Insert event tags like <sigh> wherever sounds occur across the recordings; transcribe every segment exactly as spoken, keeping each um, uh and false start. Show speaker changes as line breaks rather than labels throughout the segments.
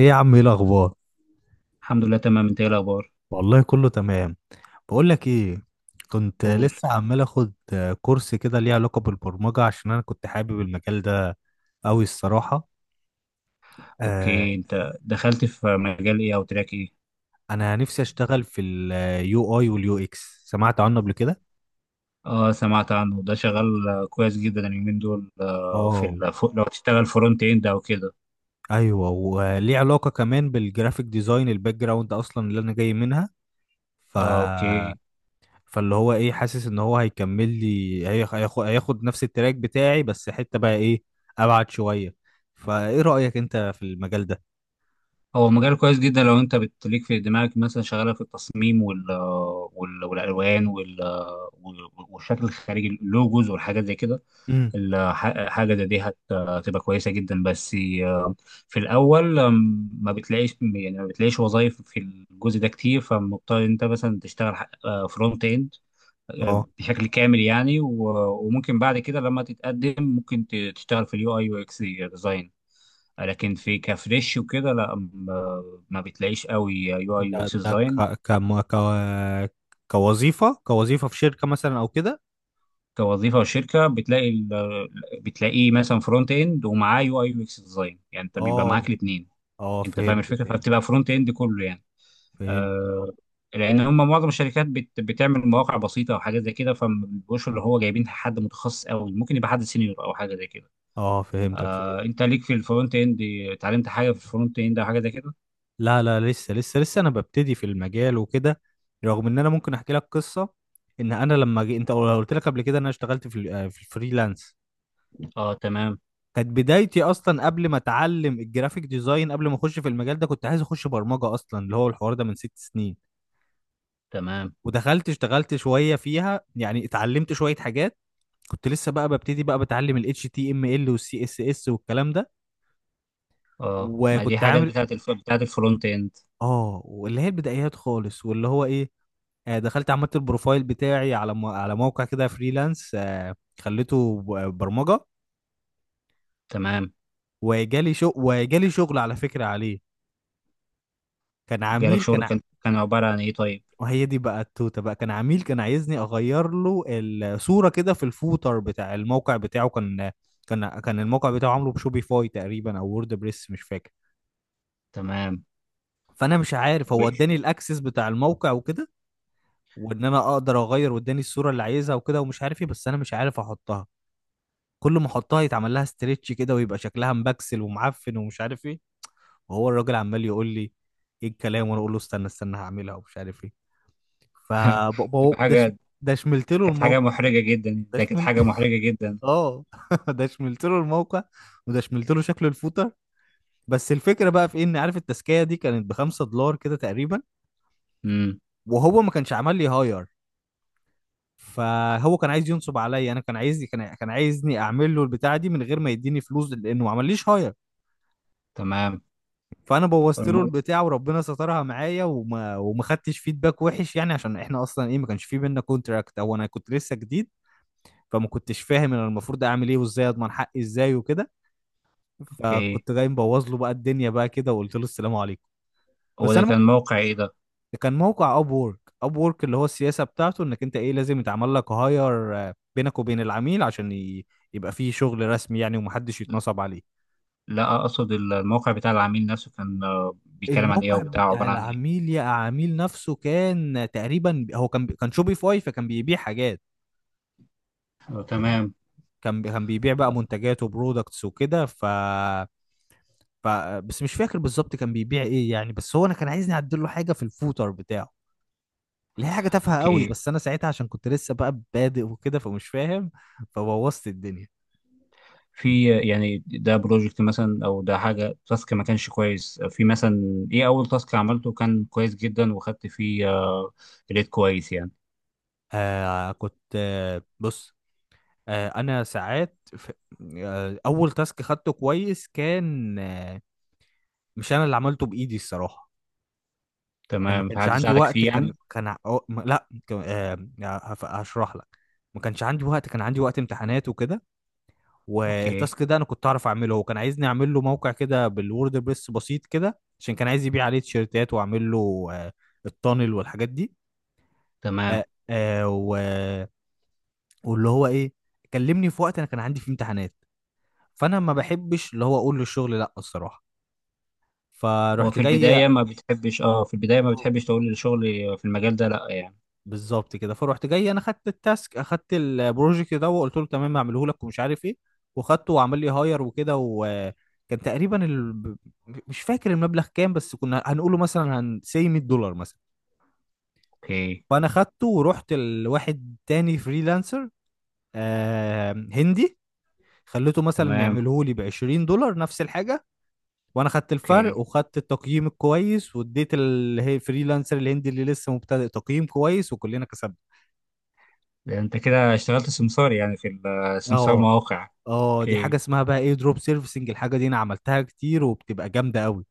ايه يا عم، ايه الاخبار؟
الحمد لله تمام. انت ايه الاخبار؟
والله كله تمام. بقول لك ايه، كنت
قول.
لسه عمال اخد كورس كده ليه علاقه بالبرمجه عشان انا كنت حابب المجال ده قوي الصراحه. آه.
اوكي، انت دخلت في مجال ايه او تراك ايه؟
انا نفسي اشتغل في اليو اي واليو اكس، سمعت عنه قبل كده؟
اه سمعت عنه، ده شغال آه، كويس جدا اليومين دول. آه، في
اه،
الف... لو تشتغل فرونت اند او كده.
ايوه، وليه علاقه كمان بالجرافيك ديزاين، الباك جراوند اصلا اللي انا جاي منها. ف
اه اوكي.
فاللي هو ايه، حاسس ان هو هيكمل لي هيخ- هياخ- هياخد نفس التراك بتاعي، بس حتة بقى ايه، ابعد شوية. فايه رأيك انت في المجال ده؟
هو مجال كويس جدا لو انت بتليك في دماغك مثلا شغاله في التصميم وال... آه، وال... والالوان وال... آه، وال- والشكل الخارجي، اللوجوز والحاجات زي كده.
امم
الح- حاجة زي دي هت- هتبقى كويسة جدا. بس آه، في الأول، آم، ما بتلاقيش، يعني ما بتلاقيش وظايف في الجزء ده كتير، فمضطر أنت مثلا تشتغل فرونت إند
اه،
بشكل كامل يعني. و- وممكن بعد كده لما تتقدم ممكن ت- تشتغل في اليو أي يو إكس ديزاين، لكن في كفريش وكده لا، ما ما بتلاقيش قوي يو أي
ده
يو إكس
ده ك...
ديزاين.
كم... ك... كوظيفة كوظيفة في شركة مثلا او كده؟
كوظيفة وشركة بتلاقي ال- بتلاقيه مثلا فرونت إند ومعاه يو أي يو إكس ديزاين، يعني أنت بيبقى
اه،
معاك الاتنين.
اه،
انت فاهم
فهمت،
الفكره،
فهمت،
فبتبقى فرونت اند كله يعني.
فهمت. اه،
آه. لان هم معظم الشركات بت بتعمل مواقع بسيطه وحاجات زي كده، فما بيبقوش اللي هو جايبين حد متخصص قوي، ممكن يبقى حد سينيور او حاجه زي كده.
اه، فهمتك،
آه،
فهمت.
انت ليك في الفرونت اند؟ اتعلمت حاجه في الفرونت اند او حاجه زي كده؟
لا، لا، لسه لسه لسه انا ببتدي في المجال وكده. رغم ان انا ممكن احكي لك قصة. ان انا لما جي... انت قلت لك قبل كده إن انا اشتغلت في ال- آه، في الفريلانس.
اه تمام.
كانت بدايتي اصلا قبل ما اتعلم الجرافيك ديزاين، قبل ما اخش في المجال ده كنت عايز اخش برمجه اصلا، اللي هو الحوار ده من ست سنين.
تمام.
ودخلت اشتغلت شويه فيها، يعني اتعلمت شويه حاجات. كنت لسه بقى ببتدي، بقى بتعلم ال H T M L وال سي إس إس والكلام ده.
اه، ما دي
وكنت
حاجات
عامل
بتاعت الف... بتاعت الفرونت اند.
اه، واللي هي البدايات خالص، واللي هو ايه، آه، دخلت عملت البروفايل بتاعي على م... على موقع كده فريلانس، آه، خليته ب- برمجه.
تمام.
وجالي شغل، وجالي شغل على فكره عليه. كان
جالك
عميل
شغل،
كان.
كان كان عباره عن ايه طيب؟
وهي دي بقى التوته، بقى كان عميل كان عايزني اغير له الصوره كده في الفوتر بتاع الموقع بتاعه كان. كان كان الموقع بتاعه عامله بشوبيفاي تقريبا او وورد بريس، مش فاكر.
تمام.
فانا مش عارف، هو اداني
<laughs>
الاكسس بتاع الموقع وكده، وان انا اقدر اغير، واداني الصوره اللي عايزها وكده، ومش عارف ايه، بس انا مش عارف احطها. كل ما احطها يتعمل لها ستريتش كده، ويبقى شكلها مبكسل ومعفن ومش عارف ايه. وهو الراجل عمال يقول لي ايه الكلام، وانا اقول له استنى استنى، هعملها ومش عارف ايه. ف
بتبقى
ده
حاجه.
ده شملت له
كانت حاجه
الموقع.
محرجه جدا،
ده
ده كانت حاجه محرجه جدا.
اه <laughs> ده شملت له الموقع. وده شملت له شكل الفوطه. بس الفكره بقى في ان، عارف، التسكيه دي كانت ب خمسة دولار كده تقريبا.
امم.
وهو ما كانش عمل لي هاير. فهو كان عايز ينصب عليا، انا كان عايز، كان كان عايزني اعمل له البتاعه دي من غير ما يديني فلوس، لانه ما عمليش هاير.
تمام.
فانا بوظت له
الم-
البتاعه، وربنا سترها معايا، وما وما خدتش فيدباك وحش يعني، عشان احنا اصلا ايه، ما كانش في بينا كونتراكت، او انا كنت لسه جديد. فما كنتش فاهم انا المفروض اعمل ايه، وازاي اضمن حقي ازاي وكده.
اوكي.
فكنت جاي مبوظ له بقى الدنيا بقى كده، وقلت له السلام عليكم.
هو
بس
ده
انا مك-
كان موقع ايه ده؟
كان موقع اب وورك. اب وورك اللي هو السياسه بتاعته انك انت ايه لازم يتعمل لك هاير بينك وبين العميل عشان ي- يبقى فيه شغل رسمي يعني، ومحدش يتنصب عليه.
لا، اقصد الموقع بتاع العميل نفسه كان آه، بيتكلم عن ايه او
الموقع
بتاع
بتاع
عبارة عن ايه؟
العميل، يا عميل نفسه كان تقريبا، هو كان بي- كان شوبيفاي، فكان بيبيع حاجات.
آه، تمام.
كان بي- كان بيبيع بقى منتجات وبرودكتس وكده. ف ف بس مش فاكر بالظبط كان بيبيع ايه يعني. بس هو انا كان عايزني اعدل له حاجه في الفوتر بتاعه، اللي هي حاجه تافهه قوي،
اوكي.
بس انا ساعتها عشان كنت لسه بقى بادئ وكده فمش فاهم. فبوظت الدنيا.
في يعني ده بروجكت مثلا او ده حاجه تاسك ما كانش كويس؟ في مثلا ايه اول تاسك عملته كان كويس جدا وخدت فيه آه، ريت كويس يعني؟
آه كنت آه بص، آه انا ساعات في، آه اول تاسك خدته كويس كان آه مش انا اللي عملته بايدي الصراحه. يعني ما
تمام،
كانش
فحد
عندي
ساعدك
وقت،
فيه
كان
يعني.
كان أو- م- لا كان- آه هف- هشرح لك. ما كانش عندي وقت، كان عندي وقت امتحانات وكده.
اوكي.
والتاسك ده انا كنت اعرف اعمله، هو كان عايزني اعمل له موقع كده بالووردبريس بسيط كده، عشان كان عايز يبيع عليه تيشيرتات، واعمل له آه، التانل والحاجات دي.
تمام.
آه، آه، و- واللي هو ايه، كلمني في وقت انا كان عندي فيه امتحانات. فانا ما بحبش اللي هو اقول له الشغل لا، الصراحه.
هو
فرحت
في
جاي،
البدايه ما بتحبش، اه في البدايه ما بتحبش تقول الشغل في المجال ده، لا يعني؟
بالظبط كده. فروحت جاي انا، خدت التاسك، اخدت البروجكت ده، وقلت له تمام، هعمله لك ومش عارف ايه. وخدته وعمل لي هاير وكده. وكان تقريبا ال... مش فاكر المبلغ كام، بس كنا هنقوله مثلا هن say مية دولار مثلا.
اوكي.
فانا خدته ورحت لواحد تاني فريلانسر، آه هندي، خليته مثلا
تمام.
يعمله لي ب عشرين دولار، نفس الحاجه. وانا خدت
اوكي.
الفرق وخدت التقييم الكويس، واديت ال- الفريلانسر الهندي اللي لسه مبتدئ تقييم كويس، وكلنا كسبنا.
ده انت كده اشتغلت سمسار يعني في، السمسار
اه،
مواقع.
اه، دي
اوكي.
حاجه اسمها بقى ايه، دروب سيرفيسنج، الحاجه دي انا عملتها كتير وبتبقى جامده قوي.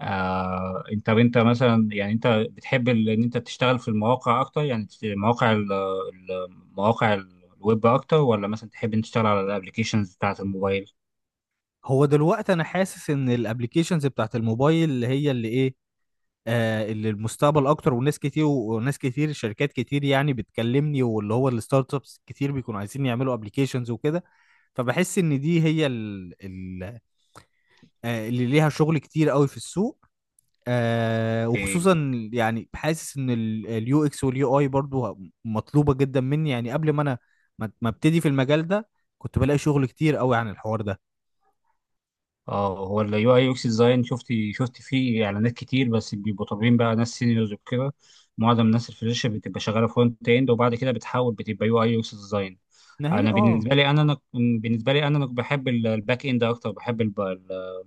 آه، انت انت مثلا يعني انت بتحب ال- ان انت تشتغل في المواقع اكتر، يعني في مواقع ال- ال- مواقع الويب اكتر، ولا مثلا تحب ان تشتغل على الابلكيشنز بتاعت الموبايل؟
هو دلوقتي انا حاسس ان الابلكيشنز بتاعت الموبايل، اللي هي اللي ايه، آه، اللي المستقبل اكتر. وناس كتير، وناس كتير، شركات كتير يعني بتكلمني، واللي هو الستارت ابس كتير بيكونوا عايزين يعملوا ابلكيشنز وكده. فبحس ان دي هي ال ال آه، اللي ليها شغل كتير قوي في السوق. آه،
اوكي.
وخصوصا يعني حاسس ان اليو اكس واليو اي برضو ه- مطلوبه جدا مني، يعني قبل ما انا ما ما ابتدي في المجال ده كنت بلاقي شغل كتير قوي عن الحوار ده.
اه، هو اليو اي يو اكس ديزاين شفت، شفت فيه اعلانات كتير بس بيبقوا طالبين بقى ناس سينيورز وكده. معظم الناس الفريش بتبقى شغاله فرونت اند، وبعد كده بتحول بتبقى يو اي يو اكس ديزاين.
ان هي
انا
اه،
بالنسبه لي انا، أنا- بالنسبه لي انا أنا بحب ال- الباك اند اكتر. بحب الب... ال-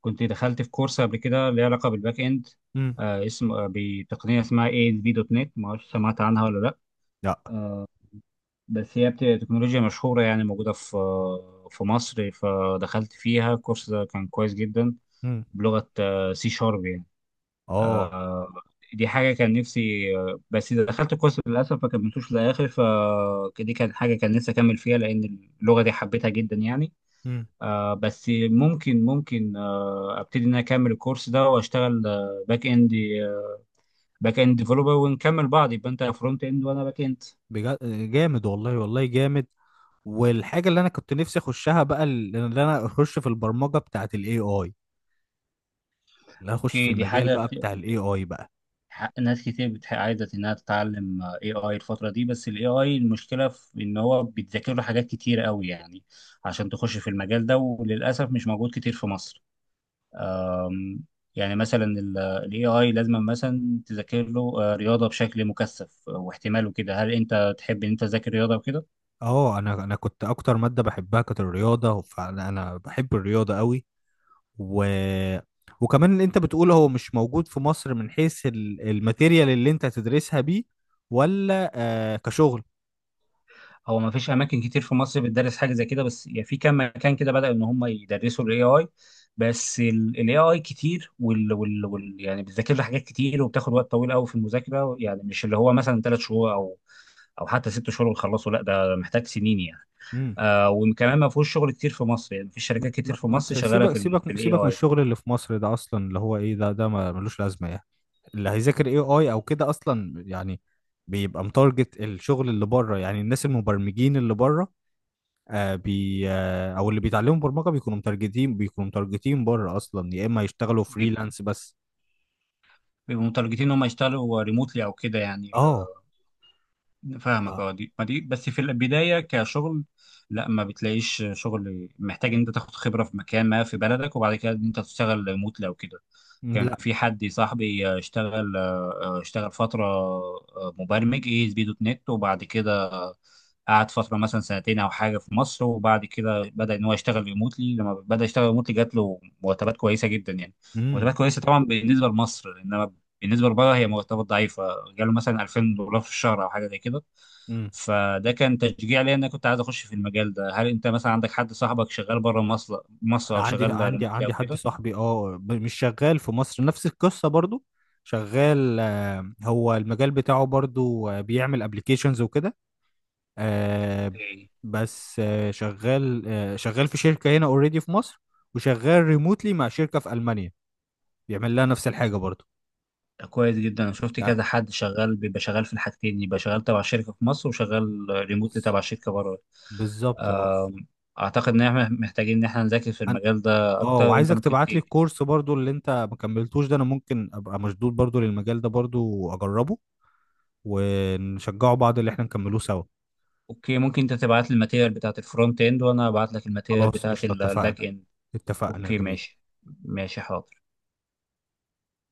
كنت دخلت في كورس قبل كده ليه علاقه بالباك اند.
امم،
آه اسم، آه، بتقنيه اسمها اي اس بي دوت نت، ما اعرفش سمعت عنها ولا لا.
لا،
بس هي بت... تكنولوجيا مشهوره يعني، موجوده في آه، في مصر. فدخلت فيها، الكورس ده كان كويس جدا.
امم،
بلغه سي شارب يعني.
اه،
آه. دي حاجه كان نفسي آه، بس اذا دخلت الكورس للاسف ما كملتوش للاخر. فدي كانت حاجه كان نفسي اكمل فيها، لان اللغه دي حبيتها جدا يعني.
امم.
آه بس ممكن، ممكن آه ابتدي ان انا اكمل الكورس ده واشتغل آه باك اند، باك اند ديفلوبر، ونكمل بعض، يبقى انت فرونت اند وانا باك اند.
بجد، آه، جامد، والله والله جامد. والحاجه اللي انا كنت نفسي اخشها بقى ال- اللي انا اخش في البرمجه بتاعه الاي اي. اللي أنا اخش في
اوكي، دي
المجال
حاجه
بقى
كتير،
بتاع الاي اي بقى.
ح- ناس كتير بتح- عايزه انها تتعلم اي اي الفتره دي. بس الاي اي المشكله في ان هو بيتذاكر له حاجات كتير قوي يعني عشان تخش في المجال ده، وللاسف مش موجود كتير في مصر. أم، يعني مثلا الاي اي لازم مثلا تذاكر له آه، رياضه بشكل مكثف، آه، واحتمال وكده. هل انت تحب ان انت تذاكر رياضه وكده؟
اه، انا انا كنت اكتر ماده بحبها كانت الرياضه، فانا انا بحب الرياضه قوي. و... وكمان اللي انت بتقوله هو مش موجود في مصر، من حيث ال- الماتيريال اللي انت تدرسها بيه، ولا آه كشغل.
هو ما فيش اماكن كتير في مصر بتدرس حاجه زي كده، بس يعني في كام مكان كده بدأوا ان هم يدرسوا الاي اي. بس الاي اي كتير، وال, وال, وال يعني بتذاكر له حاجات كتير وبتاخد وقت طويل قوي في المذاكره، يعني مش اللي هو مثلا ثلاث شهور او او حتى ست شهور وتخلصه، لا ده محتاج سنين يعني.
امم.
آه، وكمان ما فيهوش شغل كتير في مصر، يعني في
ما
شركات
انت ما-
كتير في
ما
مصر
انت
شغاله
سيبك،
في ال في
سيبك
الاي
سيبك من
اي.
الشغل اللي في مصر ده اصلا. اللي هو ايه، ده ده ما- ملوش لازمه يعني. اللي هيذاكر اي اي او كده اصلا يعني بيبقى متارجت الشغل اللي بره، يعني الناس المبرمجين اللي بره، آه، بي آه، او اللي بيتعلموا برمجه بيكونوا متارجتين، بيكونوا متارجتين بره اصلا، يا اما يشتغلوا فريلانس بس.
بيبقوا متارجتين ان هم يشتغلوا ريموتلي او كده يعني.
اه.
فاهمك.
ف-
اه دي ما دي بس في البدايه كشغل. لا، ما بتلاقيش شغل، محتاج ان انت تاخد خبره في مكان ما في بلدك، وبعد كده ان انت تشتغل ريموتلي او كده. كان في
لا.
حد صاحبي، آه، اشتغل آه، اشتغل فتره آه، مبرمج اي اس بي دوت نت، وبعد كده قعد فتره مثلا سنتين او حاجه في مصر، وبعد كده بدا ان هو يشتغل ريموتلي. لما بدا يشتغل ريموتلي جات له مرتبات كويسه جدا يعني.
مم.
مرتبات كويسه طبعا بالنسبه لمصر، انما بالنسبه لبره هي مرتبات ضعيفه. جاله مثلا الفين دولار في الشهر او حاجه زي كده.
امم.
فده كان تشجيع ليا ان انا كنت عايز اخش في المجال ده. هل انت مثلا عندك حد صاحبك شغال بره مصر مصر،
انا
او
عندي،
شغال
عندي
ريموتلي او
عندي حد
كده؟
صاحبي اه، ب- مش شغال في مصر، نفس القصه برضو. شغال، آه، هو المجال بتاعه برضو آه، بيعمل ابلكيشنز وكده. آه،
اوكي.
بس آه، شغال، آه، شغال في شركه هنا اوريدي في مصر، وشغال ريموتلي مع شركه في المانيا، بيعمل لها نفس الحاجه برضو
كويس جدا، انا شفت
يعني.
كذا حد شغال، بيبقى شغال في الحاجتين، يبقى شغال تبع شركه في مصر وشغال ريموتلي
بز-
تبع شركه بره.
بالظبط اه.
أم، اعتقد ان احنا محتاجين ان احنا نذاكر في
أنا-
المجال ده
اه،
اكتر. انت
وعايزك
ممكن ت...
تبعت لي الكورس برضو اللي انت ما كملتوش ده، انا ممكن ابقى مشدود برضو للمجال ده برضو واجربه، ونشجعوا بعض، اللي احنا نكملوه سوا.
اوكي، ممكن انت تبعت لي الماتيريال بتاعت الفرونت اند وانا ابعت لك الماتيريال
خلاص
بتاعت
قشطة،
الباك
اتفقنا،
اند.
اتفقنا،
اوكي
جميل.
ماشي. ماشي حاضر.